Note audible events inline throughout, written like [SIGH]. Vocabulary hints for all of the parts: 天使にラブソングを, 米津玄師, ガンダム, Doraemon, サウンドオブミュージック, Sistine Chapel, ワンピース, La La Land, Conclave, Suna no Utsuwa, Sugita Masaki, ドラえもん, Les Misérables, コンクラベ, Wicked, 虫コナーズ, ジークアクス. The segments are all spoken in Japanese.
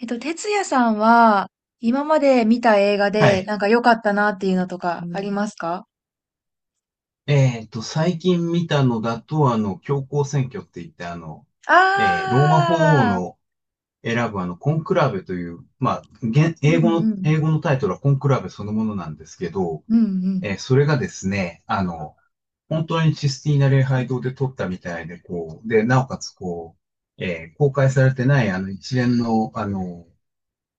哲也さんは、今まで見た映画はで、い。なんか良かったなっていうのとかありますか？最近見たのだと、教皇選挙って言って、ローマ法王ああの選ぶコンクラベという、まあ、現ー、う英ん語の、うん、英語のタイトルはコンクラベそのものなんですけど、うんうん、それがですね、本当にシスティーナ礼拝堂で撮ったみたいで、こう、で、なおかつ、こう、公開されてない、一連の、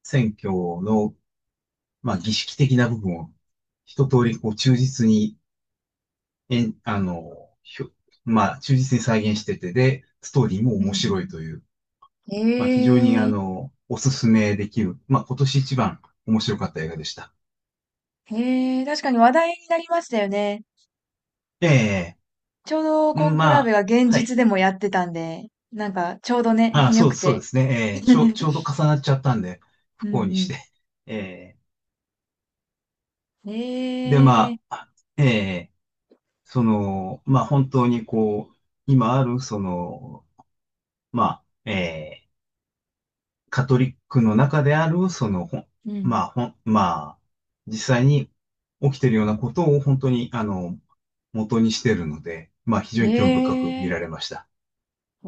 選挙の、まあ、儀式的な部分を、一通り、こう、忠実に、えん、あの、ひょ、まあ、忠実に再現してて、で、ストーリーもうんう面ん。白いという、えまあ、非常に、えおすすめできる、まあ、今年一番面白かった映画でした。ええ確かに話題になりましたよね。ええ、ちょうどうコん、ンクまラベあ、が現は実い。でもやってたんで、なんかちょうどね、[LAUGHS] あ、良そくう、そうでて。すね。ええ、ち [LAUGHS] ょうど重なっちゃったんで、う不幸にんしうて。[LAUGHS] ええ、で、ん。まええあ、ええ、まあ、本当にこう、今ある、まあ、ええ、カトリックの中である、うまん。あ、まあ、実際に起きてるようなことを本当に、元にしてるので、まあ、非常に興味深く見ええられました。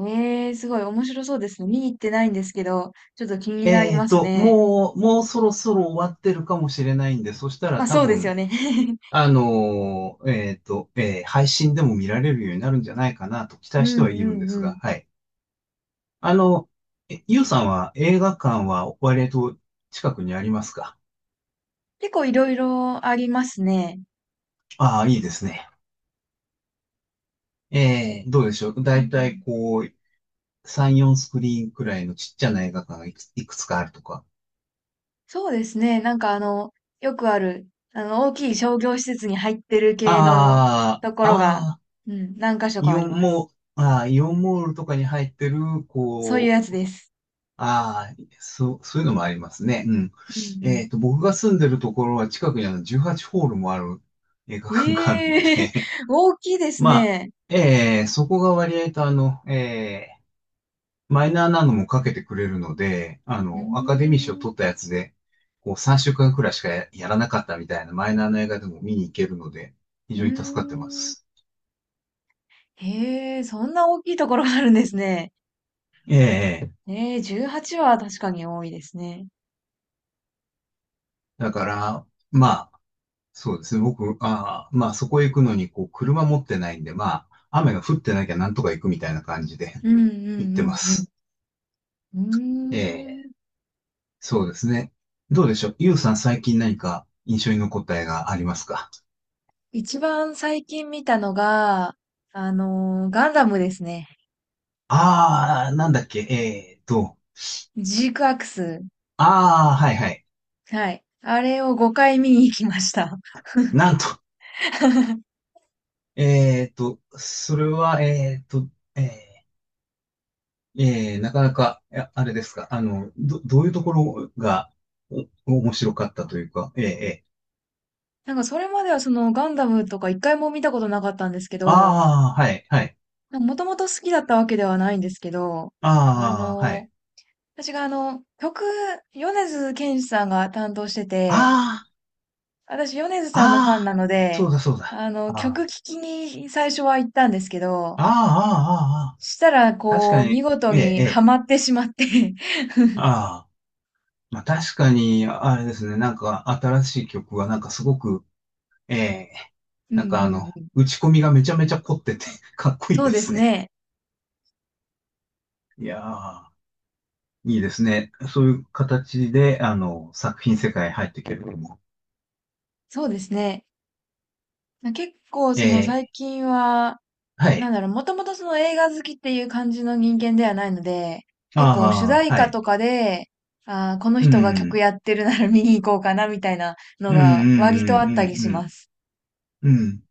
ええすごい面白そうですね。見に行ってないんですけど、ちょっと気になりますね。もうそろそろ終わってるかもしれないんで、そしたま、らあ多そうですよ分、ね。[LAUGHS] 配信でも見られるようになるんじゃないかなと期う待してんはいるうんでんすうが、ん。はい。あの、ゆうさんは映画館は割と近くにありますか？結構いろいろありますね。ああー、いいですね。ええ、どうでしょう。だうんういたいん。こう、3、4スクリーンくらいのちっちゃな映画館がいくつかあるとか。そうですね、よくある、大きい商業施設に入ってる系のあとこあ、ろあが、あ、うん、何箇所イかあオりンます。モイオンモールとかに入ってる、そういうこやつう、です。ああ、そう、そういうのもありますね。うん。うん僕が住んでるところは近くにあの18ホールもある映画うん。館があるのええ で、[LAUGHS]、大きいで [LAUGHS] すまあ、ね。ええ、そこが割合とマイナーなのもかけてくれるので、うーアカデミー賞取っん。たやつで、こう3週間くらいしかやらなかったみたいなマイナーな映画でも見に行けるので、非うー常に助かってまん。す。へえ、そんな大きいところがあるんですね。ええ、ええ、ええ、18はちは確かに多いですね。だから、まあ、そうですね。僕、まあ、そこへ行くのに、こう、車持ってないんで、まあ、雨が降ってなきゃなんとか行くみたいな感じで うんう [LAUGHS] 行ってまんうんす。うえん。うーえ、ん。そうですね。どうでしょう。ゆうさん、最近何か印象に残った映画ありますか？一番最近見たのが、ガンダムですね。ああー、なんだっけ、ジークアクス。ああ、はいはい。はい。あれを5回見に行きました。なんと、[LAUGHS] それは、えなかなか、いやあれですか、どういうところが、面白かったというか、なんかそれまではそのガンダムとか一回も見たことなかったんですけど、ああ、はい、はい、もともと好きだったわけではないんですけど、あああ、はのい、ー私が曲、米津玄師さんが担当してて、あ私米津さんのファンあ、あなあ、のそで、うだ、そうだ、ああ、曲聴きに最初は行ったんですけど、ああ、ああ、あしたら、あ、確こかう、見に、事えーにはえまってしまって。 ああ、まあ確かに、あれですね、なんか新しい曲は、なんかすごく、えー、[LAUGHS] うんうなんかんうん。打ち込みがめちゃめちゃ凝ってて、かっこいいそでうですすね。ね。いやー、いいですね。そういう形で、作品世界入っていけるのも。そうですね。結構、えそのえ、最近は、はなんい。だろう、もともとその映画好きっていう感じの人間ではないので、結構主あ題あ、は歌い。とかで、あーこのう人が曲ん、やってるなら [LAUGHS] 見に行こうかなみたいなのうん、うん、が割うとあったりん、しうん、ます。うん。うん、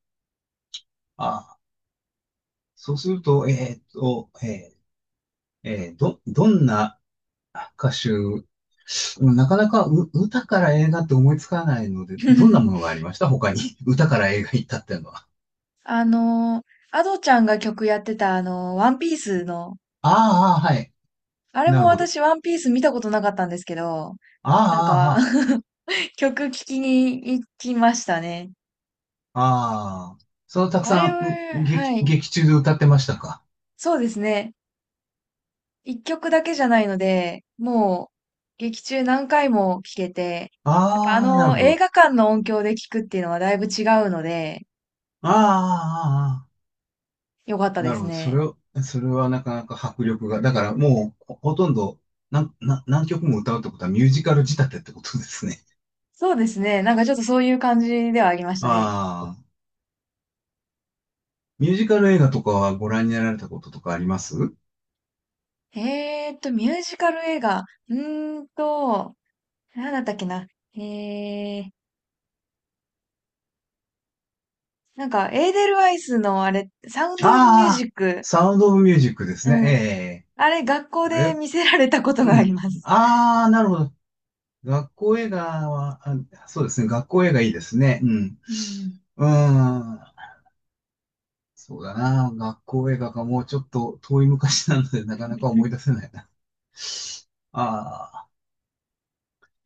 あそうすると、どんな歌手、うん、なかなか歌から映画って思いつかないので、どんなものがあり [LAUGHS] ました他に？[LAUGHS] 歌から映画行ったっていうのは。あのアドちゃんが曲やってたワンピースの、ああ、はい。あれなもるほど。私ワンピース見たことなかったんですけど、あなんあ、かああ、曲聴きに行きましたね。ああ、そのたくあされん、は、はい。劇中で歌ってましたか？そうですね。一曲だけじゃないので、もう劇中何回も聴けて、やっぱあああ、なるのほ映ど。画館の音響で聴くっていうのはだいぶ違うので、ああ、ああああ、よかったなでるすほど。ね。それはなかなか迫力が。だからもう、ほとんど、なん、な、何曲も歌うってことはミュージカル仕立てってことですね。そうですね。なんかちょっとそういう感じではありましたね。ああ、ミュージカル映画とかはご覧になられたこととかあります？ミュージカル映画。うーんと、なんだったっけな。えー、なんかエーデルワイスのあれ、サウンドオブミュージああ、ック。サウンドオブミュージックですね。えうん。え、あれ、学校あでれ、見せられたことがうありん。ます。ああ、なるほど。学校映画は、あ、そうですね。学校映画いいですね。うん。うん。うーん。そうだな。学校映画がもうちょっと遠い昔なので、なかなか思い出せないな。ああ、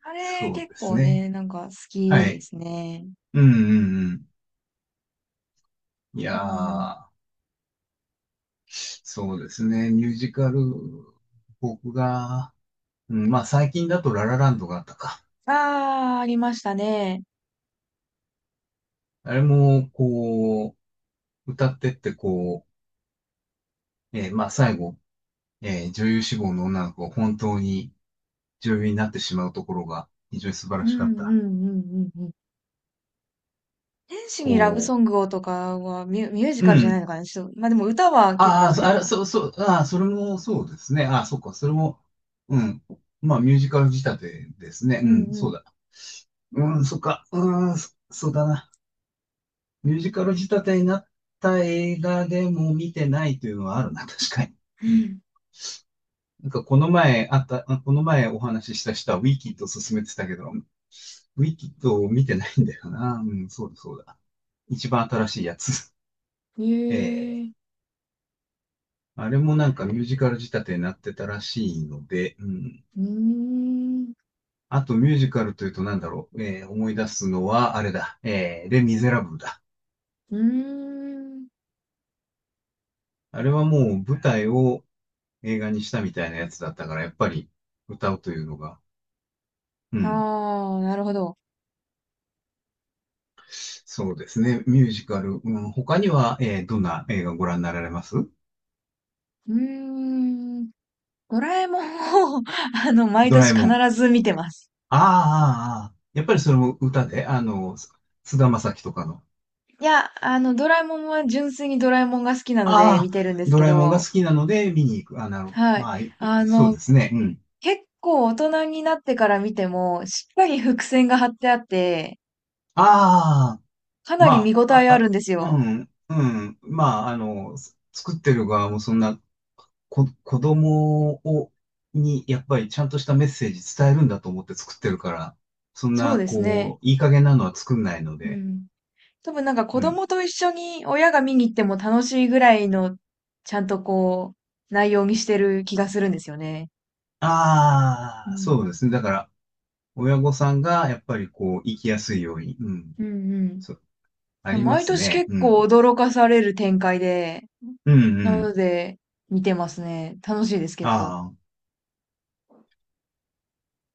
あれ、そう結です構ね。ね、なんか好きはでい。すね。うんうんうん。いやうん。ー、そうですね。ミュージカル、僕が、うん、まあ最近だとララランドがあったか。ああ、ありましたね。あれも、こう、歌ってって、こう、まあ最後、女優志望の女の子が本当に、女優になってしまうところが非常に素晴うらしかんっうた。んうんうんうん。天使にラブこソングをとかはミュージう、うカルじゃないん。のかな、ちょっと、ま、でも歌は結構あああ、ったかな。そう、そう、ああ、それもそうですね。ああ、そっか、それも、うん。まあ、ミュージカル仕立てですね。ううんん、うそん。うだ。うん、そっか、うん、そうだな。ミュージカル仕立てになった映画でも見てないというのはあるな、[LAUGHS] 確かに。ううん。ん。なんか、この前お話しした人はウィキッドを勧めてたけど、ウィキッドを見てないんだよな。うん、そうだ、そうだ。一番新しいやつ。へ [LAUGHS] ええ。うえ。あれもなんかミュージカル仕立てになってたらしいので、うん。ーん。あとミュージカルというとなんだろう、思い出すのはあれだ、レ・ミゼラブルだ。うーん。あれはもう舞台を映画にしたみたいなやつだったから、やっぱり歌うというのが、うあん。あ、なるほど。そうですね、ミュージカル。うん、他には、どんな映画ご覧になられます？うーん。ドラえもんを [LAUGHS]、毎ドラ年え必もん。ず見てます。ああ、ああああ、やっぱりそれも歌で、菅田将暉とかの。いや、ドラえもんは純粋にドラえもんが好きなので見ああ、てるんですドけラえもんが好ど、きなので見に行く。あ、なるほはど。い。ああ、いい、あそうの、ですね。うん。結構大人になってから見ても、しっかり伏線が張ってあって、ああ、かなりま見応あ、えああ、るんですあ、うよ。ん、うん。まあ、作ってる側もそんな、子供に、やっぱりちゃんとしたメッセージ伝えるんだと思って作ってるから、そんそうな、ですね。こう、いい加減なのは作んないのうで、ん。多分なんかう子ん。供と一緒に親が見に行っても楽しいぐらいの、ちゃんとこう、内容にしてる気がするんですよね。うああ、ん。そうですね。だから、親御さんが、やっぱりこう、生きやすいように、うん。うんそう、あうん。りま毎す年ね。結う構ん。驚かされる展開で、うん、うなのん。で、見てますね。楽しいです、結構。ああ、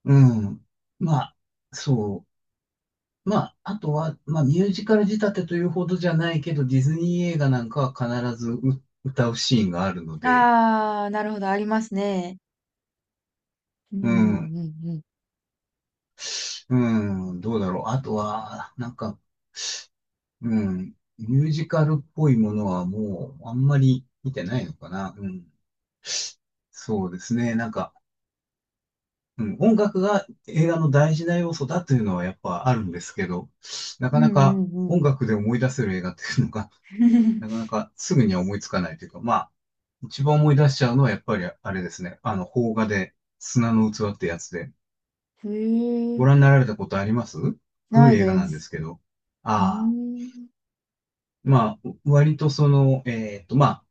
うん。まあ、そう。まあ、あとは、まあ、ミュージカル仕立てというほどじゃないけど、ディズニー映画なんかは必ず歌うシーンがあるので、あー、なるほど、ありますね。ううんん、うんうん、どうだろう。あとは、なんか、うん、ミュージカルっぽいものはもう、あんまり見てないのかな。うん、そうですね。なんか、うん、音楽が映画の大事な要素だというのはやっぱあるんですけど、なうかんなうかん。うんうんうん。音楽で思い出せる映画っていうのがなか [LAUGHS] なかすぐには思いつかないというか、まあ、一番思い出しちゃうのはやっぱりあれですね。邦画で砂の器ってやつで。へえ、ご覧になられたことあります？な古いい映画でなんです。すけど。うーああ。ん。まあ、割とその、まあ、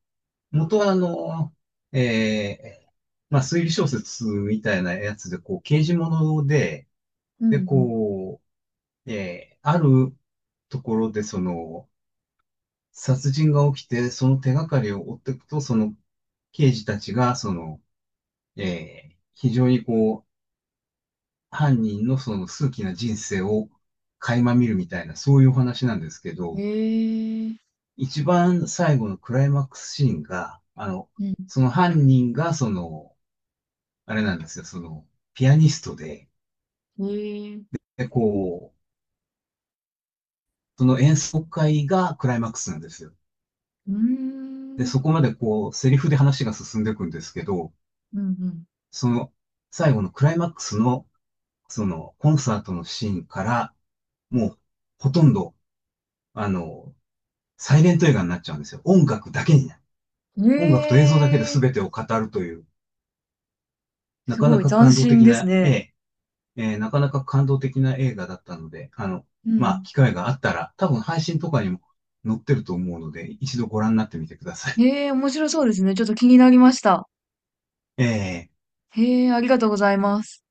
元はえー、まあ、推理小説みたいなやつで、こう、刑事物で、うで、んこう、あるところで、殺人が起きて、その手がかりを追っていくと、その刑事たちが、非常にこう、犯人のその数奇な人生を垣間見るみたいな、そういうお話なんですけうん。ど、へえ、一番最後のクライマックスシーンが、うん。その犯人が、あれなんですよ、ピアニストで、へえ、で、こう、その演奏会がクライマックスなんですよ。うーで、そん。こまでこう、セリフで話が進んでいくんですけど、うんその、最後のクライマックスのコンサートのシーンから、もう、ほとんど、あの、サイレント映画になっちゃうんですよ。音楽だけになる。うん。音楽と映像だけでへえ、全てを語るという、なすかごないか斬感動新的ですな絵、ね。えなかなか感動的な映画だったので、うまあ、ん。機会があったら、多分配信とかにも載ってると思うので、一度ご覧になってみてください。へえ、面白そうですね。ちょっと気になりました。えへえ、ありがとうございます。